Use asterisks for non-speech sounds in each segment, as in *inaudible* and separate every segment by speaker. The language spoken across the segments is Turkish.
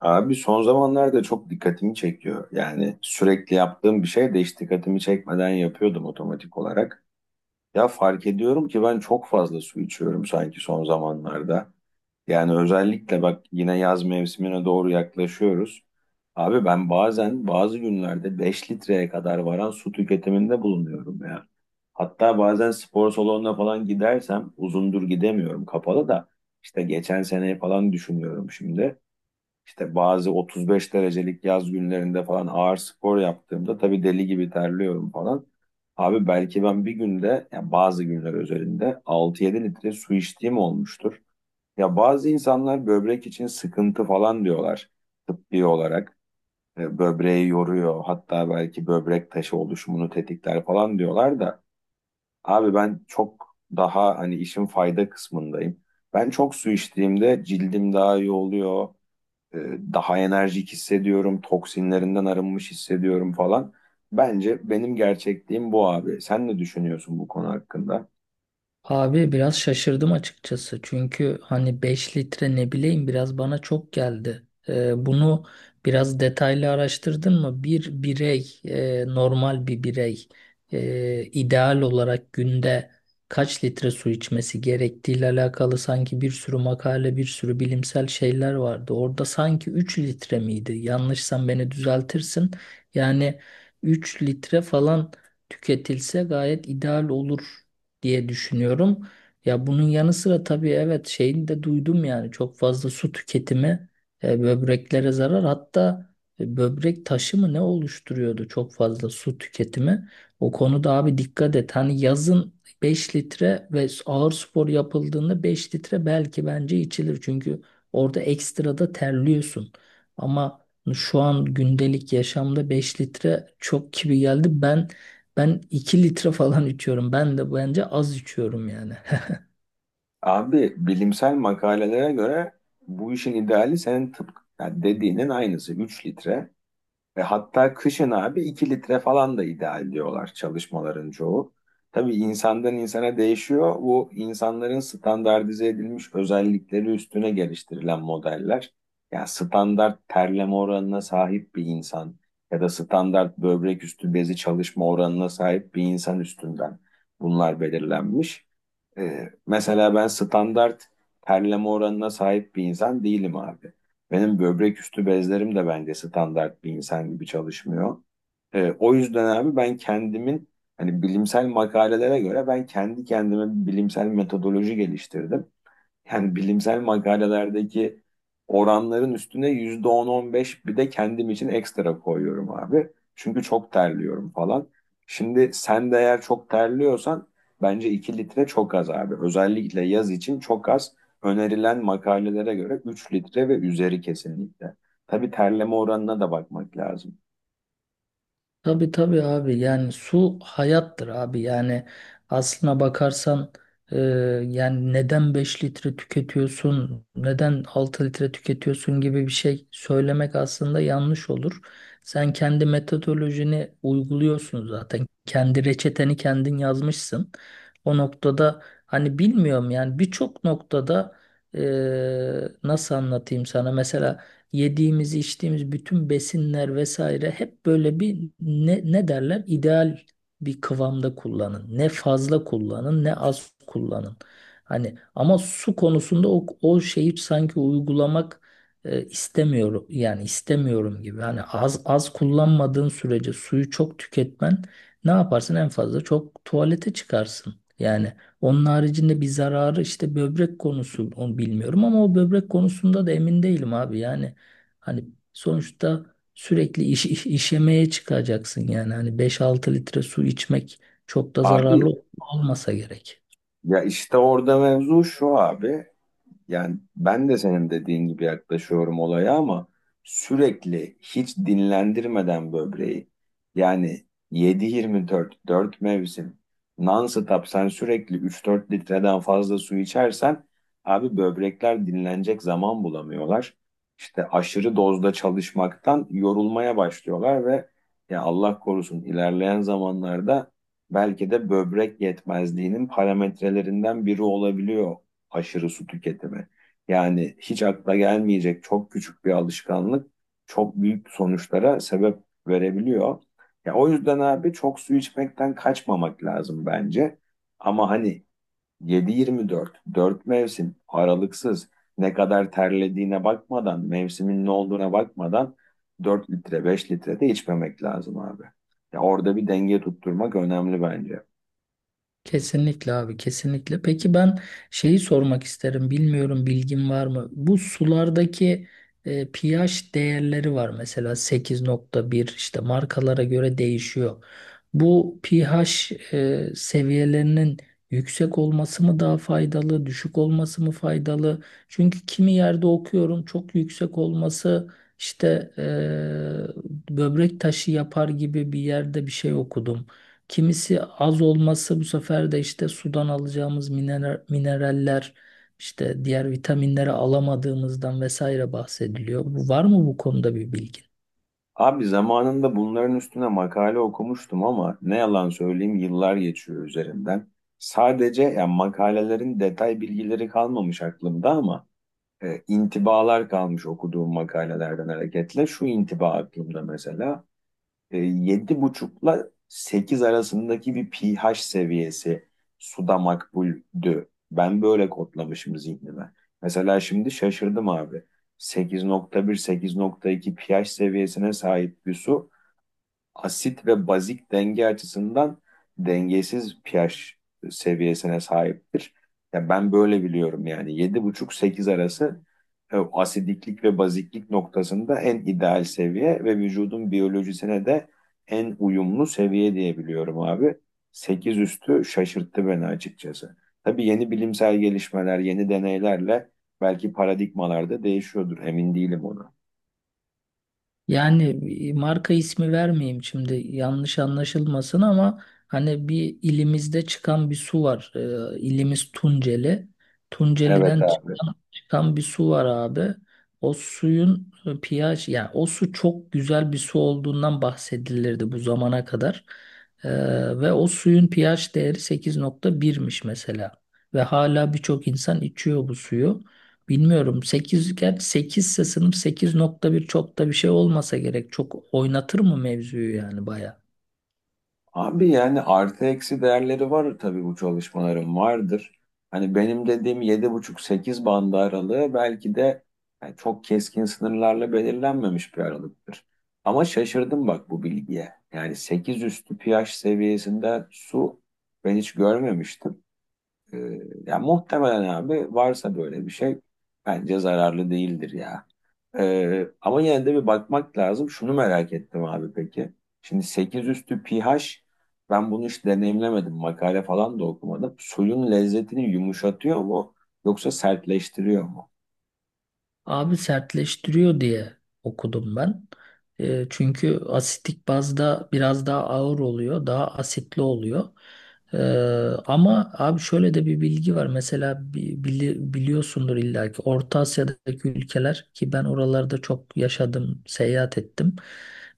Speaker 1: Abi son zamanlarda çok dikkatimi çekiyor. Yani sürekli yaptığım bir şey de hiç dikkatimi çekmeden yapıyordum otomatik olarak. Ya fark ediyorum ki ben çok fazla su içiyorum sanki son zamanlarda. Yani özellikle bak yine yaz mevsimine doğru yaklaşıyoruz. Abi ben bazen bazı günlerde 5 litreye kadar varan su tüketiminde bulunuyorum ya. Hatta bazen spor salonuna falan gidersem uzundur gidemiyorum, kapalı da işte geçen seneyi falan düşünüyorum şimdi. İşte bazı 35 derecelik yaz günlerinde falan ağır spor yaptığımda tabii deli gibi terliyorum falan. Abi belki ben bir günde, yani bazı günler özelinde 6-7 litre su içtiğim olmuştur. Ya bazı insanlar böbrek için sıkıntı falan diyorlar tıbbi olarak. Böbreği yoruyor, hatta belki böbrek taşı oluşumunu tetikler falan diyorlar da. Abi ben çok daha hani işin fayda kısmındayım. Ben çok su içtiğimde cildim daha iyi oluyor. E, daha enerjik hissediyorum, toksinlerinden arınmış hissediyorum falan. Bence benim gerçekliğim bu abi. Sen ne düşünüyorsun bu konu hakkında?
Speaker 2: Abi biraz şaşırdım açıkçası. Çünkü hani 5 litre ne bileyim biraz bana çok geldi. Bunu biraz detaylı araştırdın mı? Bir birey, normal bir birey, ideal olarak günde kaç litre su içmesi gerektiğiyle alakalı sanki bir sürü makale, bir sürü bilimsel şeyler vardı. Orada sanki 3 litre miydi? Yanlışsan beni düzeltirsin. Yani 3 litre falan tüketilse gayet ideal olur diye düşünüyorum. Ya bunun yanı sıra tabii evet şeyini de duydum, yani çok fazla su tüketimi böbreklere zarar, hatta böbrek taşı mı ne oluşturuyordu çok fazla su tüketimi. O konuda abi dikkat et, hani yazın 5 litre ve ağır spor yapıldığında 5 litre belki bence içilir, çünkü orada ekstra da terliyorsun. Ama şu an gündelik yaşamda 5 litre çok gibi geldi. Ben 2 litre falan içiyorum. Ben de bence az içiyorum yani. *laughs*
Speaker 1: Abi bilimsel makalelere göre bu işin ideali senin tıpkı yani dediğinin aynısı 3 litre. Ve hatta kışın abi 2 litre falan da ideal diyorlar çalışmaların çoğu. Tabii insandan insana değişiyor. Bu insanların standartize edilmiş özellikleri üstüne geliştirilen modeller. Yani standart terleme oranına sahip bir insan ya da standart böbrek üstü bezi çalışma oranına sahip bir insan üstünden bunlar belirlenmiş. Mesela ben standart terleme oranına sahip bir insan değilim abi. Benim böbrek üstü bezlerim de bence standart bir insan gibi çalışmıyor. O yüzden abi ben kendimin hani bilimsel makalelere göre ben kendi kendime bir bilimsel metodoloji geliştirdim. Yani bilimsel makalelerdeki oranların üstüne yüzde on 15 bir de kendim için ekstra koyuyorum abi. Çünkü çok terliyorum falan. Şimdi sen de eğer çok terliyorsan bence 2 litre çok az abi. Özellikle yaz için çok az. Önerilen makalelere göre 3 litre ve üzeri kesinlikle. Tabii terleme oranına da bakmak lazım.
Speaker 2: Tabii tabii abi, yani su hayattır abi, yani aslına bakarsan, e, yani neden 5 litre tüketiyorsun, neden 6 litre tüketiyorsun gibi bir şey söylemek aslında yanlış olur. Sen kendi metodolojini uyguluyorsun, zaten kendi reçeteni kendin yazmışsın. O noktada hani bilmiyorum, yani birçok noktada e, nasıl anlatayım sana, mesela yediğimiz, içtiğimiz bütün besinler vesaire hep böyle bir ne derler? İdeal bir kıvamda kullanın. Ne fazla kullanın, ne az kullanın. Hani ama su konusunda o şeyi sanki uygulamak istemiyorum, yani istemiyorum gibi. Hani az az kullanmadığın sürece suyu çok tüketmen, ne yaparsın en fazla çok tuvalete çıkarsın. Yani onun haricinde bir zararı, işte böbrek konusu, onu bilmiyorum, ama o böbrek konusunda da emin değilim abi. Yani hani sonuçta sürekli işemeye çıkacaksın yani. Hani 5-6 litre su içmek çok da
Speaker 1: Abi
Speaker 2: zararlı olmasa gerek.
Speaker 1: ya işte orada mevzu şu abi. Yani ben de senin dediğin gibi yaklaşıyorum olaya ama sürekli hiç dinlendirmeden böbreği, yani yedi, yirmi dört, dört mevsim non-stop sen sürekli 3-4 litreden fazla su içersen abi böbrekler dinlenecek zaman bulamıyorlar. İşte aşırı dozda çalışmaktan yorulmaya başlıyorlar ve ya Allah korusun ilerleyen zamanlarda belki de böbrek yetmezliğinin parametrelerinden biri olabiliyor aşırı su tüketimi. Yani hiç akla gelmeyecek çok küçük bir alışkanlık çok büyük sonuçlara sebep verebiliyor. Ya o yüzden abi çok su içmekten kaçmamak lazım bence. Ama hani 7-24, dört mevsim aralıksız, ne kadar terlediğine bakmadan, mevsimin ne olduğuna bakmadan 4 litre, 5 litre de içmemek lazım abi. Ya orada bir denge tutturmak önemli bence.
Speaker 2: Kesinlikle abi, kesinlikle. Peki ben şeyi sormak isterim, bilmiyorum, bilgin var mı? Bu sulardaki pH değerleri var, mesela 8.1, işte markalara göre değişiyor. Bu pH seviyelerinin yüksek olması mı daha faydalı, düşük olması mı faydalı? Çünkü kimi yerde okuyorum çok yüksek olması işte böbrek taşı yapar gibi bir yerde bir şey okudum. Kimisi az olması bu sefer de işte sudan alacağımız mineraller, işte diğer vitaminleri alamadığımızdan vesaire bahsediliyor. Var mı bu konuda bir bilgin?
Speaker 1: Abi zamanında bunların üstüne makale okumuştum ama ne yalan söyleyeyim yıllar geçiyor üzerinden. Sadece yani makalelerin detay bilgileri kalmamış aklımda ama intibalar kalmış okuduğum makalelerden hareketle. Şu intiba aklımda mesela. Yedi buçukla 8 arasındaki bir pH seviyesi suda makbuldü. Ben böyle kodlamışım zihnime. Mesela şimdi şaşırdım abi. Sekiz, 8,1, 8,2 pH seviyesine sahip bir su asit ve bazik denge açısından dengesiz pH seviyesine sahiptir. Ya ben böyle biliyorum yani 7,5 sekiz arası asidiklik ve baziklik noktasında en ideal seviye ve vücudun biyolojisine de en uyumlu seviye diye biliyorum abi. 8 üstü şaşırttı beni açıkçası. Tabii yeni bilimsel gelişmeler, yeni deneylerle belki paradigmalar da değişiyordur. Emin değilim ona.
Speaker 2: Yani marka ismi vermeyeyim şimdi, yanlış anlaşılmasın, ama hani bir ilimizde çıkan bir su var. İlimiz Tunceli.
Speaker 1: Evet
Speaker 2: Tunceli'den
Speaker 1: abi.
Speaker 2: çıkan bir su var abi. O suyun pH, yani o su çok güzel bir su olduğundan bahsedilirdi bu zamana kadar. Ee, ve o suyun pH değeri 8.1'miş mesela. Ve hala birçok insan içiyor bu suyu. Bilmiyorum, 8 gerçi, 8 ise sınıf, 8.1 çok da bir şey olmasa gerek. Çok oynatır mı mevzuyu yani, baya?
Speaker 1: Abi yani artı eksi değerleri var tabii bu çalışmaların vardır. Hani benim dediğim 7,5 sekiz bandı aralığı belki de yani çok keskin sınırlarla belirlenmemiş bir aralıktır. Ama şaşırdım bak bu bilgiye. Yani 8 üstü pH seviyesinde su ben hiç görmemiştim. Ee, yani muhtemelen abi varsa böyle bir şey bence zararlı değildir ya. Ama yine de bir bakmak lazım. Şunu merak ettim abi peki. Şimdi 8 üstü pH, ben bunu hiç deneyimlemedim. Makale falan da okumadım. Suyun lezzetini yumuşatıyor mu yoksa sertleştiriyor mu?
Speaker 2: Abi sertleştiriyor diye okudum ben. Çünkü asitik bazda biraz daha ağır oluyor, daha asitli oluyor. E, ama abi şöyle de bir bilgi var. Mesela biliyorsundur illa ki Orta Asya'daki ülkeler, ki ben oralarda çok yaşadım, seyahat ettim.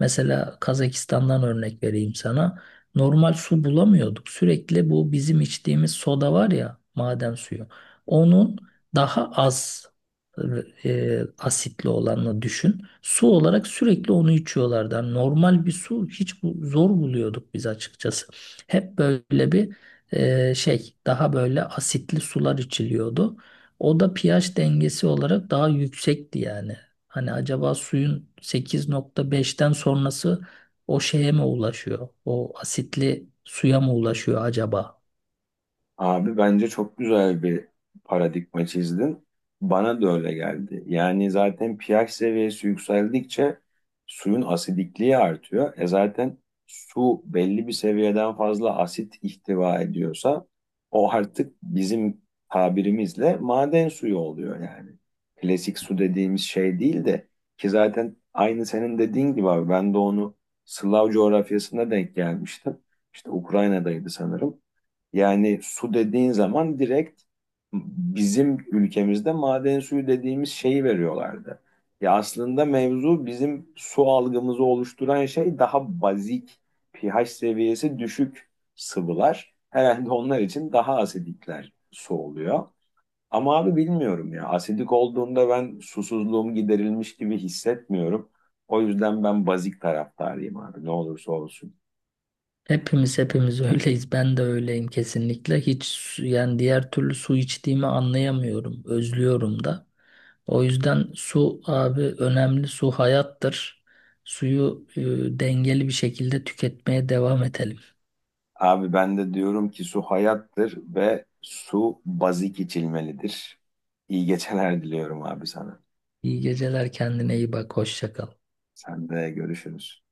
Speaker 2: Mesela Kazakistan'dan örnek vereyim sana. Normal su bulamıyorduk. Sürekli bu bizim içtiğimiz soda var ya, maden suyu. Onun daha az asitli olanla düşün. Su olarak sürekli onu içiyorlardı. Yani normal bir su hiç bu, zor buluyorduk biz açıkçası. Hep böyle bir şey, daha böyle asitli sular içiliyordu. O da pH dengesi olarak daha yüksekti yani. Hani acaba suyun 8.5'ten sonrası o şeye mi ulaşıyor? O asitli suya mı ulaşıyor acaba?
Speaker 1: Abi bence çok güzel bir paradigma çizdin. Bana da öyle geldi. Yani zaten pH seviyesi yükseldikçe suyun asidikliği artıyor. E zaten su belli bir seviyeden fazla asit ihtiva ediyorsa o artık bizim tabirimizle maden suyu oluyor yani. Klasik su dediğimiz şey değil de ki zaten aynı senin dediğin gibi abi ben de onu Slav coğrafyasına denk gelmiştim. İşte Ukrayna'daydı sanırım. Yani su dediğin zaman direkt bizim ülkemizde maden suyu dediğimiz şeyi veriyorlardı. Ya aslında mevzu bizim su algımızı oluşturan şey daha bazik, pH seviyesi düşük sıvılar. Herhalde onlar için daha asidikler su oluyor. Ama abi bilmiyorum ya. Asidik olduğunda ben susuzluğum giderilmiş gibi hissetmiyorum. O yüzden ben bazik taraftarıyım abi ne olursa olsun.
Speaker 2: Hepimiz öyleyiz. Ben de öyleyim kesinlikle. Hiç yani diğer türlü su içtiğimi anlayamıyorum. Özlüyorum da. O yüzden su abi önemli. Su hayattır. Suyu dengeli bir şekilde tüketmeye devam edelim.
Speaker 1: Abi ben de diyorum ki su hayattır ve su bazik içilmelidir. İyi geceler diliyorum abi sana.
Speaker 2: İyi geceler, kendine iyi bak. Hoşça kal.
Speaker 1: Sen de görüşürüz.